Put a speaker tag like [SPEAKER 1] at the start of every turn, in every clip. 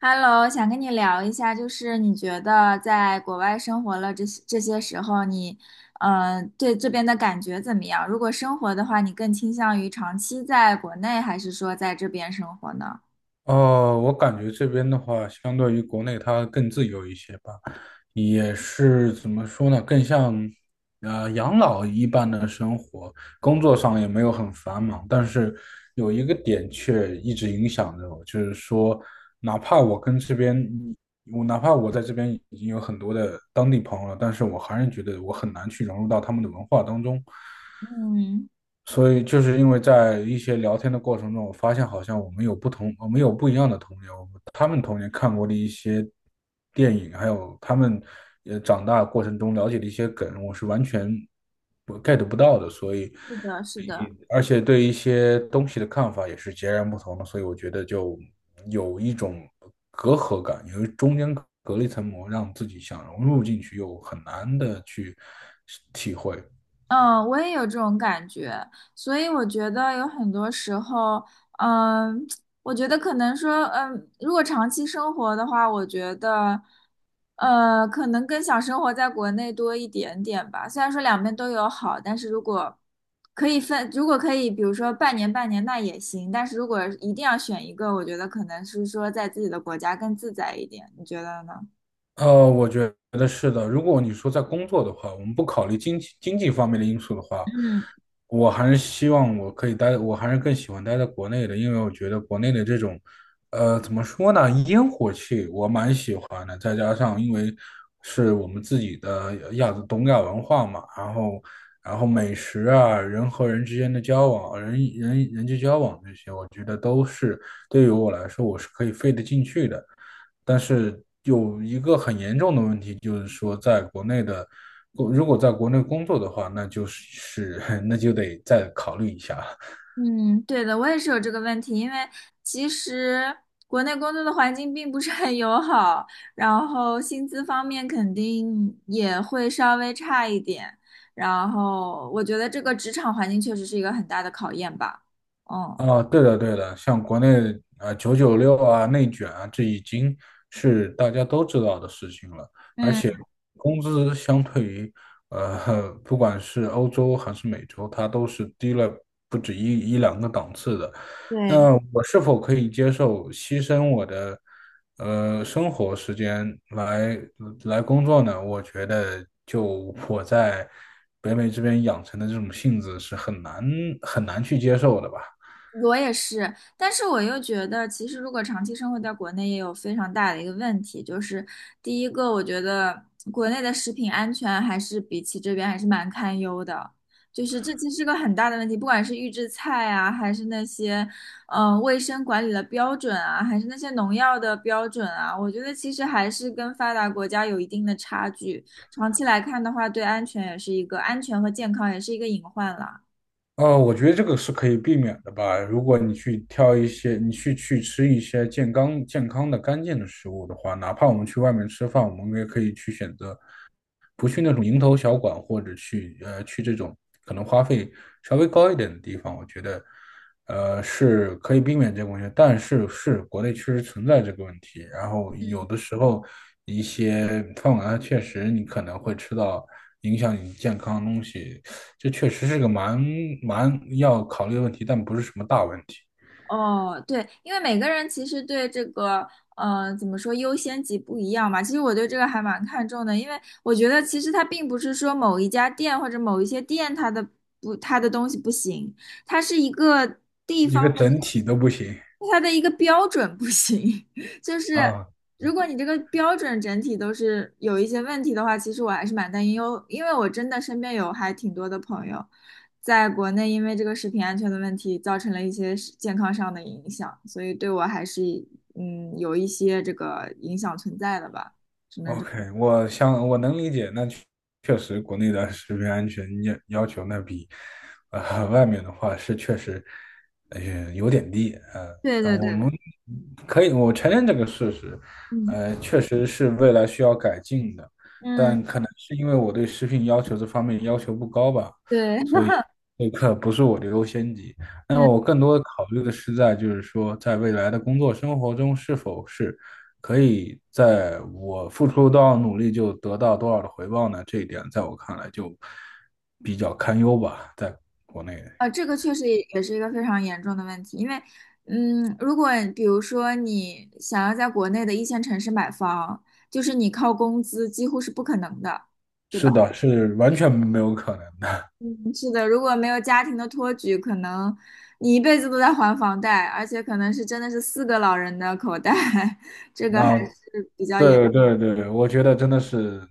[SPEAKER 1] Hello，想跟你聊一下，就是你觉得在国外生活了这些时候你，对这边的感觉怎么样？如果生活的话，你更倾向于长期在国内，还是说在这边生活呢？
[SPEAKER 2] 哦，我感觉这边的话，相对于国内它更自由一些吧，也是怎么说呢，更像养老一般的生活，工作上也没有很繁忙，但是有一个点却一直影响着我，就是说，哪怕我跟这边，哪怕我在这边已经有很多的当地朋友了，但是我还是觉得我很难去融入到他们的文化当中，
[SPEAKER 1] 嗯
[SPEAKER 2] 所以就是因为在一些聊天的过程中，我发现好像我们有不一样的童年，他们童年看过的一些电影，还有他们也长大过程中了解的一些梗，我是完全不 get 不到的，所以，而且对一些东西的看法也是截然不同的，所以我觉得就有一种隔阂感，中间隔了一层膜，让自己想融入进去，又很难的去体会。
[SPEAKER 1] 嗯，我也有这种感觉，所以我觉得有很多时候，嗯，我觉得可能说，如果长期生活的话，我觉得，可能更想生活在国内多一点点吧。虽然说两边都有好，但是如果可以分，如果可以，比如说半年半年那也行，但是如果一定要选一个，我觉得可能是说在自己的国家更自在一点，你觉得呢？
[SPEAKER 2] 我觉得是的。如果你说在工作的话，我们不考虑经济方面的因素的话，
[SPEAKER 1] 嗯。
[SPEAKER 2] 我还是希望我可以待，我还是更喜欢待在国内的，因为我觉得国内的这种，怎么说呢，烟火气我蛮喜欢的。再加上因为是我们自己的亚东亚文化嘛，然后美食啊，人和人之间的交往，人人人际交往这些，我觉得都是对于我来说我是可以费得进去的。但是有一个很严重的问题，就是说在国内的，如果在国内工作的话，那就是 那就得再考虑一下。
[SPEAKER 1] 嗯，对的，我也是有这个问题，因为其实国内工作的环境并不是很友好，然后薪资方面肯定也会稍微差一点，然后我觉得这个职场环境确实是一个很大的考验吧。嗯，
[SPEAKER 2] 啊，对的，对的，像国内啊996啊、内卷啊，这已经是大家都知道的事情了。而
[SPEAKER 1] 嗯，
[SPEAKER 2] 且工资相对于不管是欧洲还是美洲，它都是低了不止一两个档次的。
[SPEAKER 1] 对。
[SPEAKER 2] 那我是否可以接受牺牲我的生活时间来工作呢？我觉得，就我在北美这边养成的这种性子是很难很难去接受的吧。
[SPEAKER 1] 我也是，但是我又觉得，其实如果长期生活在国内，也有非常大的一个问题，就是第一个，我觉得国内的食品安全还是比起这边还是蛮堪忧的，就是这其实是个很大的问题，不管是预制菜啊，还是那些卫生管理的标准啊，还是那些农药的标准啊，我觉得其实还是跟发达国家有一定的差距，长期来看的话，对安全也是一个安全和健康也是一个隐患了。
[SPEAKER 2] 我觉得这个是可以避免的吧。如果你去吃一些健康、健康的、干净的食物的话，哪怕我们去外面吃饭，我们也可以去选择不去那种蝇头小馆，或者去这种可能花费稍微高一点的地方，我觉得是可以避免这个问题。但是国内确实存在这个问题，然后有的时候一些饭馆它确实你可能会吃到影响你健康的东西，这确实是个蛮要考虑的问题，但不是什么大问题，
[SPEAKER 1] 哦，对，因为每个人其实对这个，怎么说优先级不一样嘛。其实我对这个还蛮看重的，因为我觉得其实它并不是说某一家店或者某一些店它的不它的东西不行，它是一个地
[SPEAKER 2] 一
[SPEAKER 1] 方
[SPEAKER 2] 个
[SPEAKER 1] 的
[SPEAKER 2] 整体都不行
[SPEAKER 1] 它的一个标准不行。就是
[SPEAKER 2] 啊。
[SPEAKER 1] 如果你这个标准整体都是有一些问题的话，其实我还是蛮担忧，因为我真的身边有还挺多的朋友。在国内因为这个食品安全的问题，造成了一些是健康上的影响，所以对我还是有一些这个影响存在的吧。
[SPEAKER 2] OK，我想我能理解，那确实国内的食品安全要求那比外面的话是确实有点低，
[SPEAKER 1] 对
[SPEAKER 2] 但
[SPEAKER 1] 对
[SPEAKER 2] 我们
[SPEAKER 1] 对，
[SPEAKER 2] 可以我承认这个事实，
[SPEAKER 1] 嗯
[SPEAKER 2] 确实是未来需要改进的，
[SPEAKER 1] 嗯，
[SPEAKER 2] 但可能是因为我对食品这方面要求不高吧，
[SPEAKER 1] 对，
[SPEAKER 2] 所以 这个不是我的优先级。那么
[SPEAKER 1] 嗯
[SPEAKER 2] 我更多的考虑的是就是说在未来的工作生活中是否是。可以在我付出多少努力就得到多少的回报呢？这一点在我看来就比较堪忧吧，在国内。
[SPEAKER 1] 这个确实也是一个非常严重的问题，因为如果比如说你想要在国内的一线城市买房，就是你靠工资几乎是不可能的，对吧？
[SPEAKER 2] 是的，是完全没有可能的。
[SPEAKER 1] 嗯，是的，如果没有家庭的托举，可能你一辈子都在还房贷，而且可能是真的是四个老人的口袋，这个还，
[SPEAKER 2] 那对对对，我觉得真的是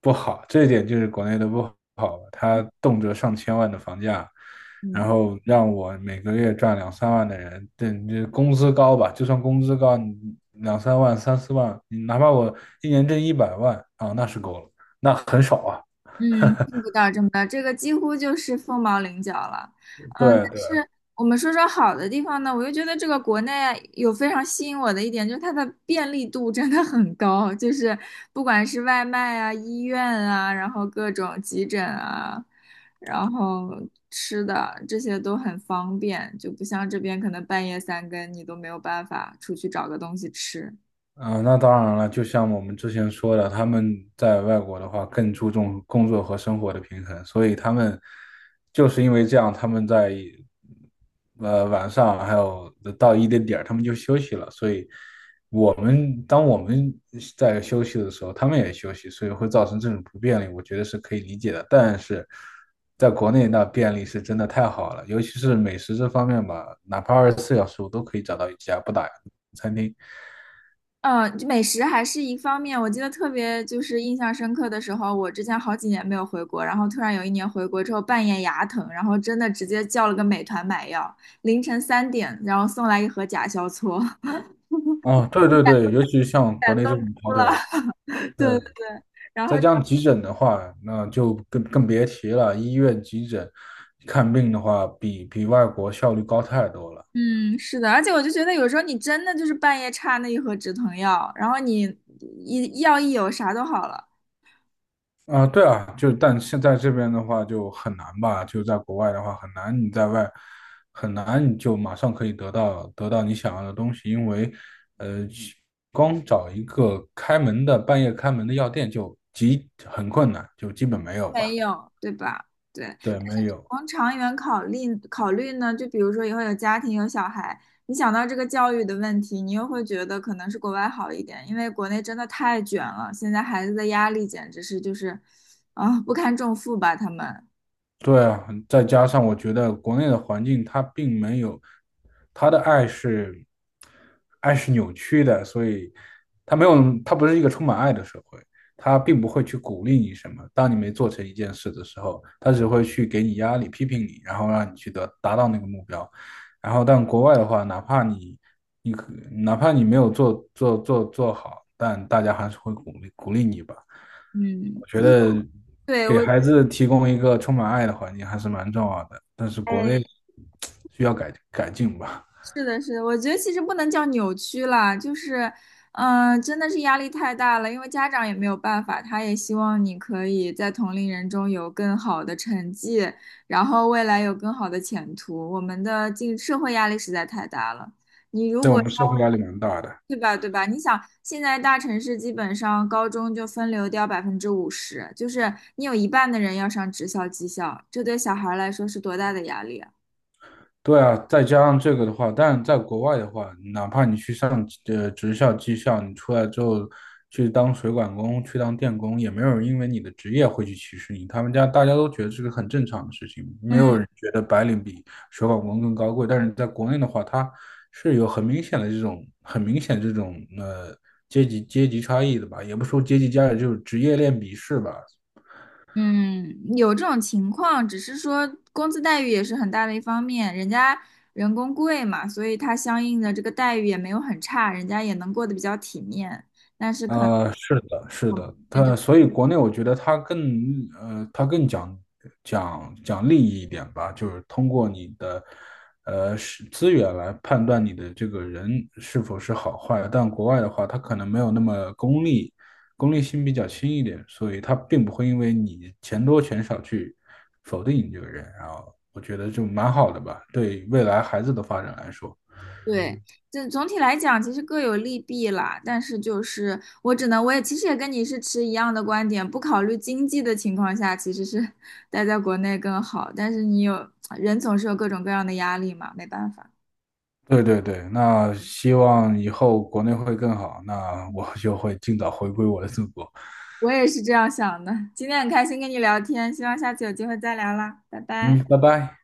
[SPEAKER 2] 不好，这一点就是国内的不好他动辄上千万的房价，然
[SPEAKER 1] 嗯。
[SPEAKER 2] 后让我每个月赚两三万的人，对，这工资高吧，就算工资高，你两三万、三四万，你哪怕我一年挣100万啊，那是够了，那很少啊。
[SPEAKER 1] 嗯，见不到这么到，这个几乎就是凤毛麟角了。嗯，但
[SPEAKER 2] 对对，
[SPEAKER 1] 是我们说说好的地方呢，我又觉得这个国内有非常吸引我的一点，就是它的便利度真的很高，就是不管是外卖啊、医院啊，然后各种急诊啊，然后吃的这些都很方便，就不像这边可能半夜三更你都没有办法出去找个东西吃。
[SPEAKER 2] 啊、那当然了，就像我们之前说的，他们在外国的话更注重工作和生活的平衡，所以就是因为这样，他们在晚上还有到一定点儿，他们就休息了。所以当我们在休息的时候，他们也休息，所以会造成这种不便利，我觉得是可以理解的。但是在国内那便利是真的太好了，尤其是美食这方面吧，哪怕24小时我都可以找到一家不打烊的餐厅。
[SPEAKER 1] 嗯，美食还是一方面。我记得特别就是印象深刻的时候，我之前好几年没有回国，然后突然有一年回国之后，半夜牙疼，然后真的直接叫了个美团买药，凌晨3点，然后送来一盒甲硝唑，
[SPEAKER 2] 哦，对对对，尤其像国
[SPEAKER 1] 感
[SPEAKER 2] 内这种
[SPEAKER 1] 动哭
[SPEAKER 2] 跑
[SPEAKER 1] 了。
[SPEAKER 2] 腿，
[SPEAKER 1] 对对
[SPEAKER 2] 对，
[SPEAKER 1] 对，然后
[SPEAKER 2] 再加上急诊的话，那就更别提了。医院急诊看病的话，比外国效率高太多了。
[SPEAKER 1] 嗯，是的，而且我就觉得有时候你真的就是半夜差那一盒止疼药，然后你一药一有啥都好了，
[SPEAKER 2] 啊、对啊，就但现在这边的话就很难吧，就在国外的话很难，你在外很难你就马上可以得到你想要的东西，因为呃，去光找一个开门的半夜开门的药店就很困难，就基本没
[SPEAKER 1] 都
[SPEAKER 2] 有吧。
[SPEAKER 1] 没有，对吧？对。
[SPEAKER 2] 对，没有。
[SPEAKER 1] 从长远考虑考虑呢，就比如说以后有家庭有小孩，你想到这个教育的问题，你又会觉得可能是国外好一点，因为国内真的太卷了，现在孩子的压力简直是就是，啊，不堪重负吧，他们。
[SPEAKER 2] 对啊，再加上我觉得国内的环境它并没有，他的爱是爱是扭曲的，所以它没有，它不是一个充满爱的社会，它并不会去鼓励你什么。当你没做成一件事的时候，它只会去给你压力、批评你，然后让你去达到那个目标。然后，但国外的话，哪怕你没有做好，但大家还是会鼓励鼓励你吧。
[SPEAKER 1] 嗯，
[SPEAKER 2] 我觉得
[SPEAKER 1] 对，
[SPEAKER 2] 给
[SPEAKER 1] 我，
[SPEAKER 2] 孩子提供一个充满爱的环境还是蛮重要的，但是国内
[SPEAKER 1] 哎，
[SPEAKER 2] 需要改进吧，
[SPEAKER 1] 是的，是的，我觉得其实不能叫扭曲啦，就是，真的是压力太大了，因为家长也没有办法，他也希望你可以在同龄人中有更好的成绩，然后未来有更好的前途。我们的进社会压力实在太大了，你如
[SPEAKER 2] 在我
[SPEAKER 1] 果
[SPEAKER 2] 们社会
[SPEAKER 1] 稍
[SPEAKER 2] 压
[SPEAKER 1] 微
[SPEAKER 2] 力蛮大的。
[SPEAKER 1] 对吧，对吧？你想，现在大城市基本上高中就分流掉50%，就是你有一半的人要上职校、技校，这对小孩来说是多大的压力啊！
[SPEAKER 2] 对啊，再加上这个的话，但在国外的话，哪怕你去上职校、技校，你出来之后去当水管工、去当电工，也没有人因为你的职业会去歧视你。他们家大家都觉得这个很正常的事情，没有
[SPEAKER 1] 嗯。
[SPEAKER 2] 人觉得白领比水管工更高贵。但是在国内的话，它是有很明显这种阶级差异的吧，也不说阶级差异，就是职业链鄙视吧。
[SPEAKER 1] 嗯，有这种情况，只是说工资待遇也是很大的一方面，人家人工贵嘛，所以他相应的这个待遇也没有很差，人家也能过得比较体面。但是可能
[SPEAKER 2] 是的，是
[SPEAKER 1] 我们这
[SPEAKER 2] 的，
[SPEAKER 1] 边就
[SPEAKER 2] 所以国内我觉得他更讲利益一点吧，就是通过你的资源来判断你的这个人是否是好坏。但国外的话，他可能没有那么功利，功利性比较轻一点，所以他并不会因为你钱多钱少去否定你这个人。然后我觉得就蛮好的吧，对未来孩子的发展来说。
[SPEAKER 1] 对，这总体来讲其实各有利弊啦。但是就是我只能，我也其实也跟你是持一样的观点，不考虑经济的情况下，其实是待在国内更好。但是你有，人总是有各种各样的压力嘛，没办法。
[SPEAKER 2] 对对对，那希望以后国内会更好，那我就会尽早回归我的祖国。
[SPEAKER 1] 我也是这样想的。今天很开心跟你聊天，希望下次有机会再聊啦，拜拜。
[SPEAKER 2] 嗯，拜拜。